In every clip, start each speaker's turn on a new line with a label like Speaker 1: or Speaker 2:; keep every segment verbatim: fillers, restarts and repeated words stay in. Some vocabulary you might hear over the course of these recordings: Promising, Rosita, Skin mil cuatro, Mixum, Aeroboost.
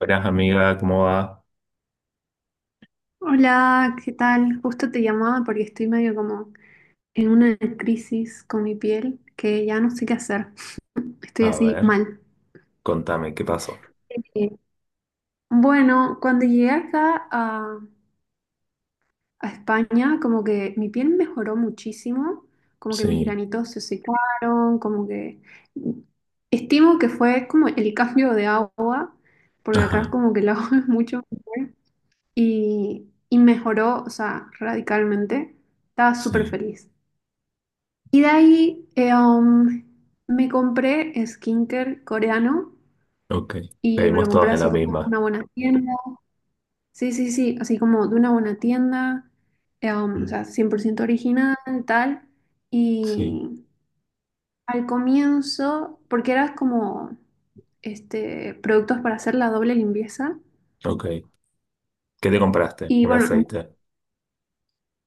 Speaker 1: Buenas amiga, ¿cómo va?
Speaker 2: Hola, ¿qué tal? Justo te llamaba porque estoy medio como en una crisis con mi piel que ya no sé qué hacer. Estoy
Speaker 1: A
Speaker 2: así
Speaker 1: ver,
Speaker 2: mal.
Speaker 1: contame, ¿qué pasó?
Speaker 2: Eh, Bueno, cuando llegué acá a, a España, como que mi piel mejoró muchísimo, como que mis
Speaker 1: Sí,
Speaker 2: granitos se secaron, como que estimo que fue como el cambio de agua, porque
Speaker 1: ajá,
Speaker 2: acá como que el agua es mucho mejor y, y mejoró, o sea, radicalmente. Estaba súper
Speaker 1: sí,
Speaker 2: feliz. Y de ahí eh, um, me compré skincare coreano
Speaker 1: ok.
Speaker 2: y me lo
Speaker 1: Caímos
Speaker 2: compré
Speaker 1: todos en la
Speaker 2: así como de
Speaker 1: misma.
Speaker 2: una buena tienda. Sí, sí, sí, así como de una buena tienda, eh, um, o
Speaker 1: Mm,
Speaker 2: sea, cien por ciento original, tal.
Speaker 1: sí,
Speaker 2: Y al comienzo, porque eras como este, productos para hacer la doble limpieza.
Speaker 1: ok. ¿Qué te compraste?
Speaker 2: Y
Speaker 1: Un
Speaker 2: bueno,
Speaker 1: aceite.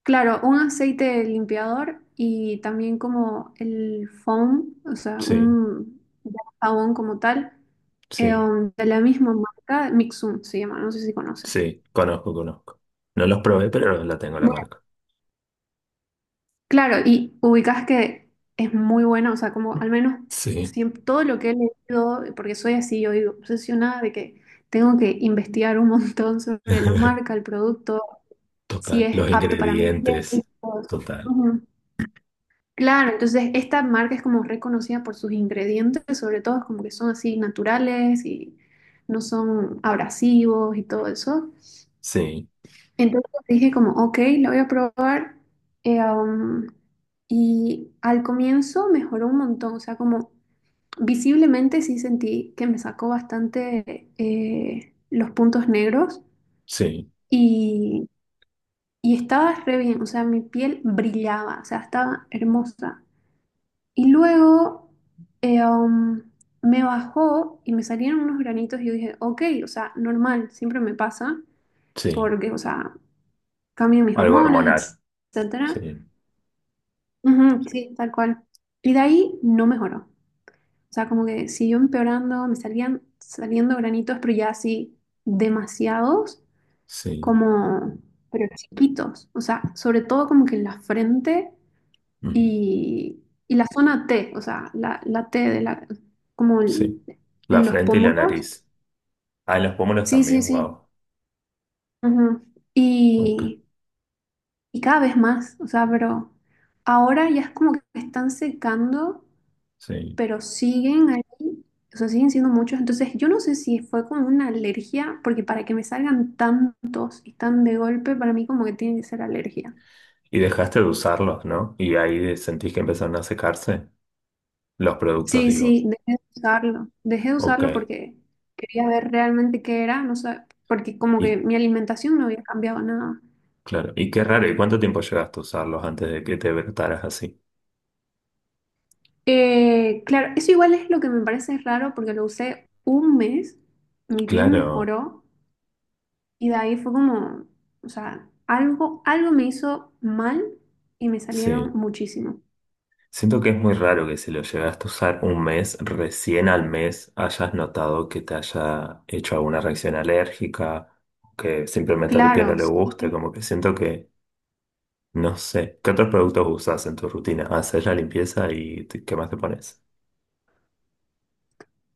Speaker 2: claro, un aceite limpiador y también como el foam, o sea,
Speaker 1: Sí,
Speaker 2: un jabón como tal, eh,
Speaker 1: sí,
Speaker 2: um, de la misma marca, Mixum se llama, no sé si conoces.
Speaker 1: sí, conozco, conozco. No los probé, pero la tengo la
Speaker 2: Bueno,
Speaker 1: marca.
Speaker 2: claro, y ubicas que es muy bueno, o sea, como al menos
Speaker 1: Sí,
Speaker 2: siempre, todo lo que he leído, porque soy así, yo digo, obsesionada de que tengo que investigar un montón sobre la marca, el producto, si
Speaker 1: total.
Speaker 2: es
Speaker 1: Los
Speaker 2: apto para mi piel, y
Speaker 1: ingredientes,
Speaker 2: todo eso.
Speaker 1: total.
Speaker 2: Ujú. Claro, entonces esta marca es como reconocida por sus ingredientes, sobre todo es como que son así naturales y no son abrasivos y todo eso.
Speaker 1: Sí,
Speaker 2: Entonces dije como, ok, la voy a probar. eh, um, y al comienzo mejoró un montón, o sea, como visiblemente sí sentí que me sacó bastante eh, los puntos negros
Speaker 1: sí,
Speaker 2: y, y estaba re bien, o sea, mi piel brillaba, o sea, estaba hermosa. Y luego eh, um, me bajó y me salieron unos granitos y yo dije, ok, o sea, normal, siempre me pasa,
Speaker 1: sí.
Speaker 2: porque, o sea, cambian mis
Speaker 1: Algo hormonal.
Speaker 2: hormonas, etcétera.
Speaker 1: Sí,
Speaker 2: Ujú, sí, tal cual. Y de ahí no mejoró. O sea, como que siguió empeorando, me salían saliendo granitos, pero ya así demasiados,
Speaker 1: sí,
Speaker 2: como, pero chiquitos. O sea, sobre todo como que en la frente
Speaker 1: mm,
Speaker 2: y, y la zona T, o sea, la, la T de la, como el-
Speaker 1: sí. La
Speaker 2: en los
Speaker 1: frente y la
Speaker 2: pómulos.
Speaker 1: nariz. Ah, en los pómulos
Speaker 2: Sí, sí,
Speaker 1: también,
Speaker 2: sí.
Speaker 1: wow.
Speaker 2: Ujú.
Speaker 1: Ok,
Speaker 2: Y, y cada vez más, o sea, pero ahora ya es como que están secando,
Speaker 1: sí.
Speaker 2: pero siguen ahí, o sea, siguen siendo muchos. Entonces, yo no sé si fue como una alergia, porque para que me salgan tantos y tan de golpe, para mí como que tiene que ser alergia.
Speaker 1: Y dejaste de usarlos, ¿no? Y ahí sentís que empezaron a secarse los productos,
Speaker 2: Sí,
Speaker 1: digo.
Speaker 2: sí, dejé de usarlo. Dejé de
Speaker 1: Ok.
Speaker 2: usarlo porque quería ver realmente qué era, no sé, porque como que
Speaker 1: Y
Speaker 2: mi alimentación no había cambiado nada.
Speaker 1: claro, y qué raro, ¿y cuánto tiempo llegaste a usarlos antes de que te brotaras así?
Speaker 2: Eh, claro, eso igual es lo que me parece raro porque lo usé un mes, mi piel
Speaker 1: Claro,
Speaker 2: mejoró y de ahí fue como, o sea, algo, algo me hizo mal y me salieron
Speaker 1: sí.
Speaker 2: muchísimo.
Speaker 1: Siento que es muy raro que si lo llegaste a usar un mes, recién al mes hayas notado que te haya hecho alguna reacción alérgica, que simplemente a tu piel no
Speaker 2: Claro,
Speaker 1: le
Speaker 2: sí.
Speaker 1: guste, como que siento que, no sé, ¿qué otros productos usas en tu rutina? ¿Haces la limpieza y te- qué más te pones?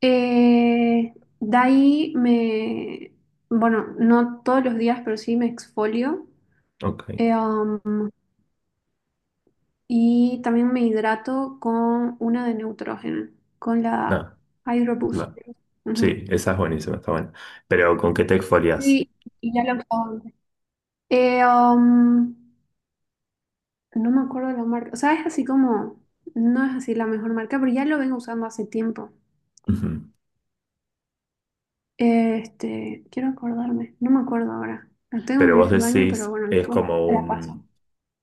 Speaker 2: Eh, de ahí me, bueno, no todos los días, pero sí me exfolio.
Speaker 1: Ok.
Speaker 2: Eh, um, Y también me hidrato con una de nitrógeno, con la
Speaker 1: No,
Speaker 2: Aeroboost.
Speaker 1: la sí,
Speaker 2: Ujú.
Speaker 1: esa es buenísima, está buena. Pero ¿con qué te exfolias?
Speaker 2: Sí, y ya lo he usado antes. Eh, um, no me acuerdo de la marca. O sea, es así como, no es así la mejor marca, pero ya lo vengo usando hace tiempo.
Speaker 1: Ujú.
Speaker 2: Este, quiero acordarme, no me acuerdo ahora. La tengo
Speaker 1: Pero
Speaker 2: en
Speaker 1: vos
Speaker 2: el baño, pero
Speaker 1: decís,
Speaker 2: bueno,
Speaker 1: es
Speaker 2: después
Speaker 1: como
Speaker 2: te la paso.
Speaker 1: un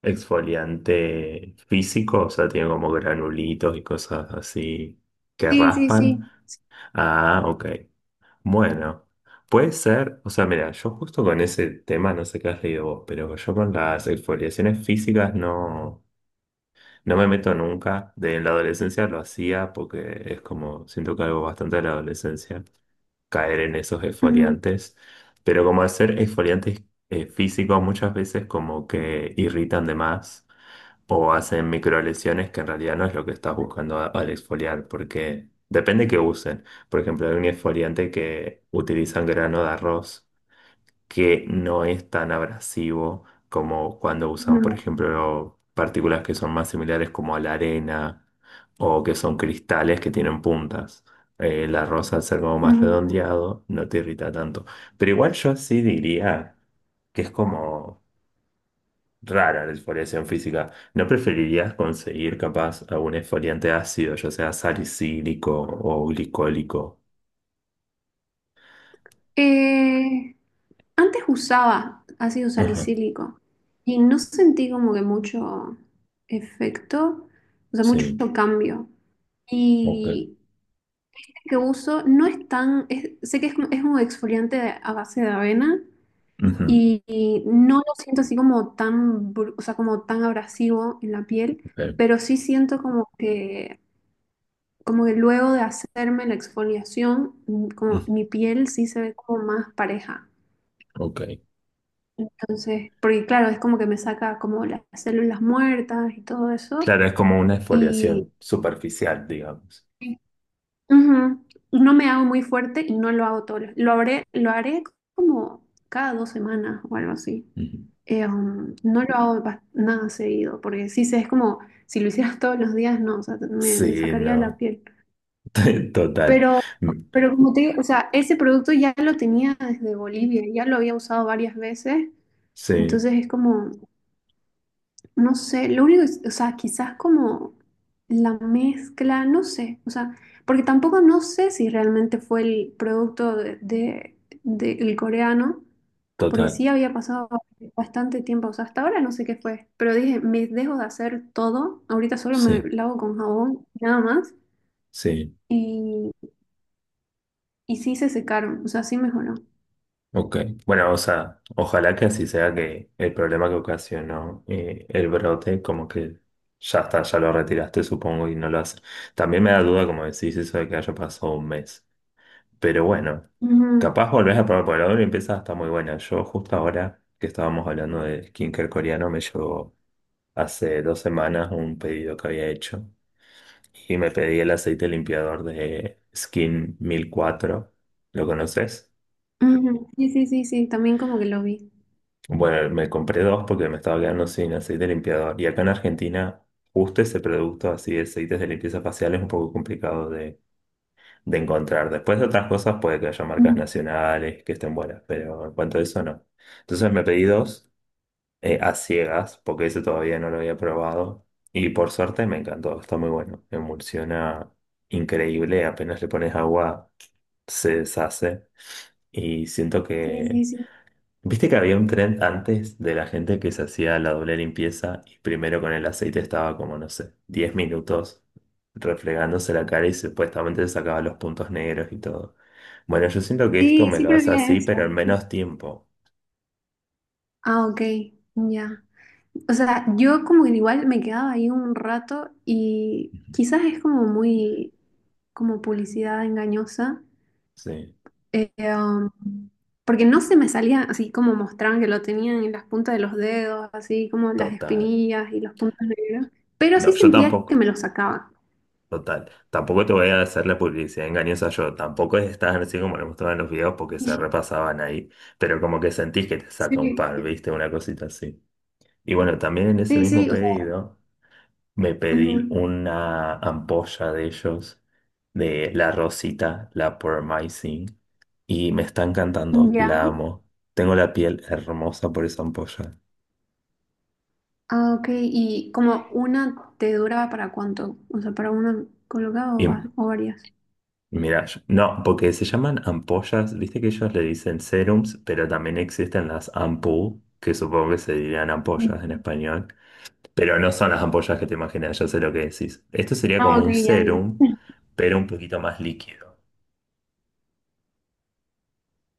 Speaker 1: exfoliante físico, o sea, tiene como granulitos y cosas así que
Speaker 2: Sí, sí,
Speaker 1: raspan.
Speaker 2: sí.
Speaker 1: Ah, ok. Bueno, puede ser, o sea, mira, yo justo con ese tema, no sé qué has leído vos, pero yo con las exfoliaciones físicas no, no me meto nunca. De en la adolescencia lo hacía porque es como, siento que algo bastante de la adolescencia. Caer en esos
Speaker 2: Ujú,
Speaker 1: exfoliantes, pero como hacer exfoliantes eh, físicos muchas veces como que irritan de más o hacen microlesiones que en realidad no es lo que estás buscando a- al exfoliar, porque depende que usen. Por ejemplo, hay un exfoliante que utilizan grano de arroz que no es tan abrasivo como cuando usan, por
Speaker 2: ujú,
Speaker 1: ejemplo, partículas que son más similares como a la arena o que son cristales que tienen puntas. Eh, la rosa al ser como más
Speaker 2: ujú.
Speaker 1: redondeado no te irrita tanto. Pero igual yo sí diría que es como rara la exfoliación física. ¿No preferirías conseguir capaz algún exfoliante ácido, ya sea salicílico o glicólico?
Speaker 2: Eh, Antes usaba ácido
Speaker 1: Ajá,
Speaker 2: salicílico y no sentí como que mucho efecto, o sea, mucho
Speaker 1: sí,
Speaker 2: cambio.
Speaker 1: ok.
Speaker 2: Y el que uso no es tan, es- sé que es, un- es un exfoliante de- a base de avena
Speaker 1: Ujú,
Speaker 2: y, y no lo siento así como tan, bru- o sea, como tan abrasivo en la piel,
Speaker 1: ok,
Speaker 2: pero sí siento como que, como que luego de hacerme la exfoliación, mm, como
Speaker 1: mm,
Speaker 2: mi piel sí se ve como más pareja.
Speaker 1: ok.
Speaker 2: Entonces, porque claro, es como que me saca como las células muertas y todo eso.
Speaker 1: Claro, es como una
Speaker 2: Y
Speaker 1: exfoliación superficial, digamos.
Speaker 2: sí. Ujú, no me hago muy fuerte y no lo hago todo. Lo haré, lo haré como cada dos semanas o algo así.
Speaker 1: Ujú.
Speaker 2: Eh, um, no lo hago bas- nada seguido, porque sí sé, es como si lo hicieras todos los días, no, o sea, me, me
Speaker 1: Sí,
Speaker 2: sacaría la
Speaker 1: no.
Speaker 2: piel.
Speaker 1: Total.
Speaker 2: Pero,
Speaker 1: Mm,
Speaker 2: pero como te digo, o sea, ese producto ya lo tenía desde Bolivia, ya lo había usado varias veces,
Speaker 1: sí,
Speaker 2: entonces es como. No sé, lo único es, o sea, quizás como la mezcla, no sé, o sea, porque tampoco no sé si realmente fue el producto de, de- del coreano, porque
Speaker 1: total.
Speaker 2: sí había pasado bastante tiempo, o sea, hasta ahora no sé qué fue, pero dije, me dejo de hacer todo, ahorita solo me
Speaker 1: Sí,
Speaker 2: lavo con jabón, nada más,
Speaker 1: sí.
Speaker 2: y, y sí se secaron, o sea, sí mejoró.
Speaker 1: Ok, bueno, o sea, ojalá que así sea que el problema que ocasionó eh, el brote, como que ya está, ya lo retiraste, supongo, y no lo hace. También me da duda, como decís, eso de que haya pasado un mes. Pero bueno,
Speaker 2: Ujú,
Speaker 1: capaz volvés a probar, por ahora y empieza está muy buena. Yo justo ahora que estábamos hablando de skincare coreano, me llegó hace dos semanas un pedido que había hecho y me pedí el aceite limpiador de Skin mil cuatro. ¿Lo conoces?
Speaker 2: ujú, sí, sí, sí, sí, también como que lo vi.
Speaker 1: Bueno, me compré dos porque me estaba quedando sin aceite limpiador. Y acá en Argentina, justo ese producto así de aceites de limpieza facial es un poco complicado de, de, encontrar. Después de otras cosas puede que haya marcas
Speaker 2: Ujú,
Speaker 1: nacionales que estén buenas, pero en cuanto a eso no. Entonces me pedí dos eh, a ciegas porque ese todavía no lo había probado. Y por suerte me encantó, está muy bueno. Emulsiona increíble, apenas le pones agua se deshace. Y siento
Speaker 2: sí,
Speaker 1: que
Speaker 2: sí, sí.
Speaker 1: viste que había un trend antes de la gente que se hacía la doble limpieza y primero con el aceite estaba como, no sé, diez minutos refregándose la cara y supuestamente se sacaba los puntos negros y todo. Bueno, yo siento que esto
Speaker 2: Sí,
Speaker 1: me
Speaker 2: sí,
Speaker 1: lo
Speaker 2: pero
Speaker 1: hace
Speaker 2: bien
Speaker 1: así,
Speaker 2: eso.
Speaker 1: pero en menos tiempo.
Speaker 2: Ah, ok, ya. O sea, yo como que igual me quedaba ahí un rato y
Speaker 1: Ujú.
Speaker 2: quizás es como muy, como publicidad engañosa,
Speaker 1: Sí,
Speaker 2: eh, um, porque no se me salía así como mostraban que lo tenían en las puntas de los dedos, así como las
Speaker 1: total.
Speaker 2: espinillas y los puntos negros, pero
Speaker 1: No,
Speaker 2: sí
Speaker 1: yo
Speaker 2: sentía que
Speaker 1: tampoco,
Speaker 2: me los sacaba.
Speaker 1: total. Tampoco te voy a hacer la publicidad engañosa yo. Tampoco estás así como lo mostraban en los videos porque se repasaban ahí. Pero como que sentís que te
Speaker 2: Sí,
Speaker 1: saca un par, ¿viste? Una cosita así. Y bueno, también en ese
Speaker 2: sí,
Speaker 1: mismo
Speaker 2: sí, o sea,
Speaker 1: pedido. Me pedí una ampolla de ellos, de la Rosita, la Promising, y me está encantando,
Speaker 2: ujú, ya.
Speaker 1: la amo. Tengo la piel hermosa por esa ampolla.
Speaker 2: Ah, ok, y como una te duraba para cuánto, o sea, para una colocada o
Speaker 1: Y
Speaker 2: va- o varias.
Speaker 1: mira, yo- no, porque se llaman ampollas, viste que ellos le dicen serums, pero también existen las ampú, que supongo que se dirían ampollas en español, pero no son las ampollas que te imaginas, yo sé lo que decís. Esto sería
Speaker 2: Ah,
Speaker 1: como
Speaker 2: ok,
Speaker 1: un
Speaker 2: ya, ya.
Speaker 1: serum, pero un poquito más líquido.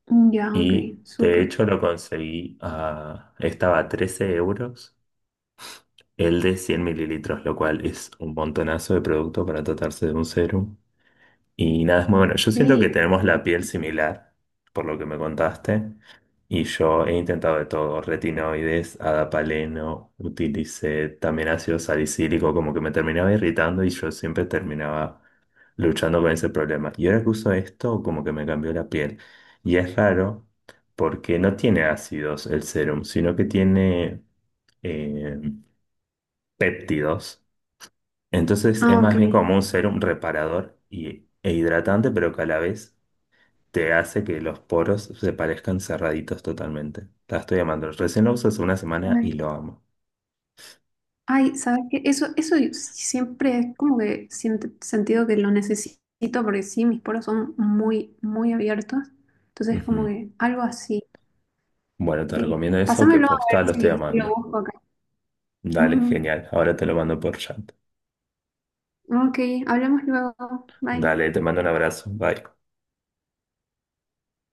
Speaker 2: Mm, ya, ok,
Speaker 1: Y de
Speaker 2: súper.
Speaker 1: hecho lo conseguí a. Estaba a trece euros el de cien mililitros, lo cual es un montonazo de producto para tratarse de un serum y nada, es muy bueno. Yo siento
Speaker 2: Sí.
Speaker 1: que tenemos la piel similar, por lo que me contaste. Y yo he intentado de todo, retinoides, adapaleno, utilicé también ácido salicílico, como que me terminaba irritando y yo siempre terminaba luchando con ese problema. Y ahora que uso esto, como que me cambió la piel. Y es raro porque no tiene ácidos el serum, sino que tiene eh, péptidos. Entonces es
Speaker 2: Ah, ok.
Speaker 1: más bien como un serum reparador y, e hidratante, pero que a la vez te hace que los poros se parezcan cerraditos totalmente. La estoy amando. Recién lo uso hace una semana
Speaker 2: Ay,
Speaker 1: y lo amo.
Speaker 2: ay, ¿sabes qué? Eso, eso yo siempre es como que siento, sentido que lo necesito porque sí, mis poros son muy, muy abiertos. Entonces, como
Speaker 1: Ujú.
Speaker 2: que algo así,
Speaker 1: Bueno, te
Speaker 2: sí.
Speaker 1: recomiendo eso, que
Speaker 2: Pásamelo a
Speaker 1: posta lo
Speaker 2: ver
Speaker 1: estoy
Speaker 2: si, si lo
Speaker 1: amando.
Speaker 2: busco acá.
Speaker 1: Dale,
Speaker 2: Ujú.
Speaker 1: genial. Ahora te lo mando por chat.
Speaker 2: Ok, hablemos luego. Bye.
Speaker 1: Dale, te mando un abrazo. Bye.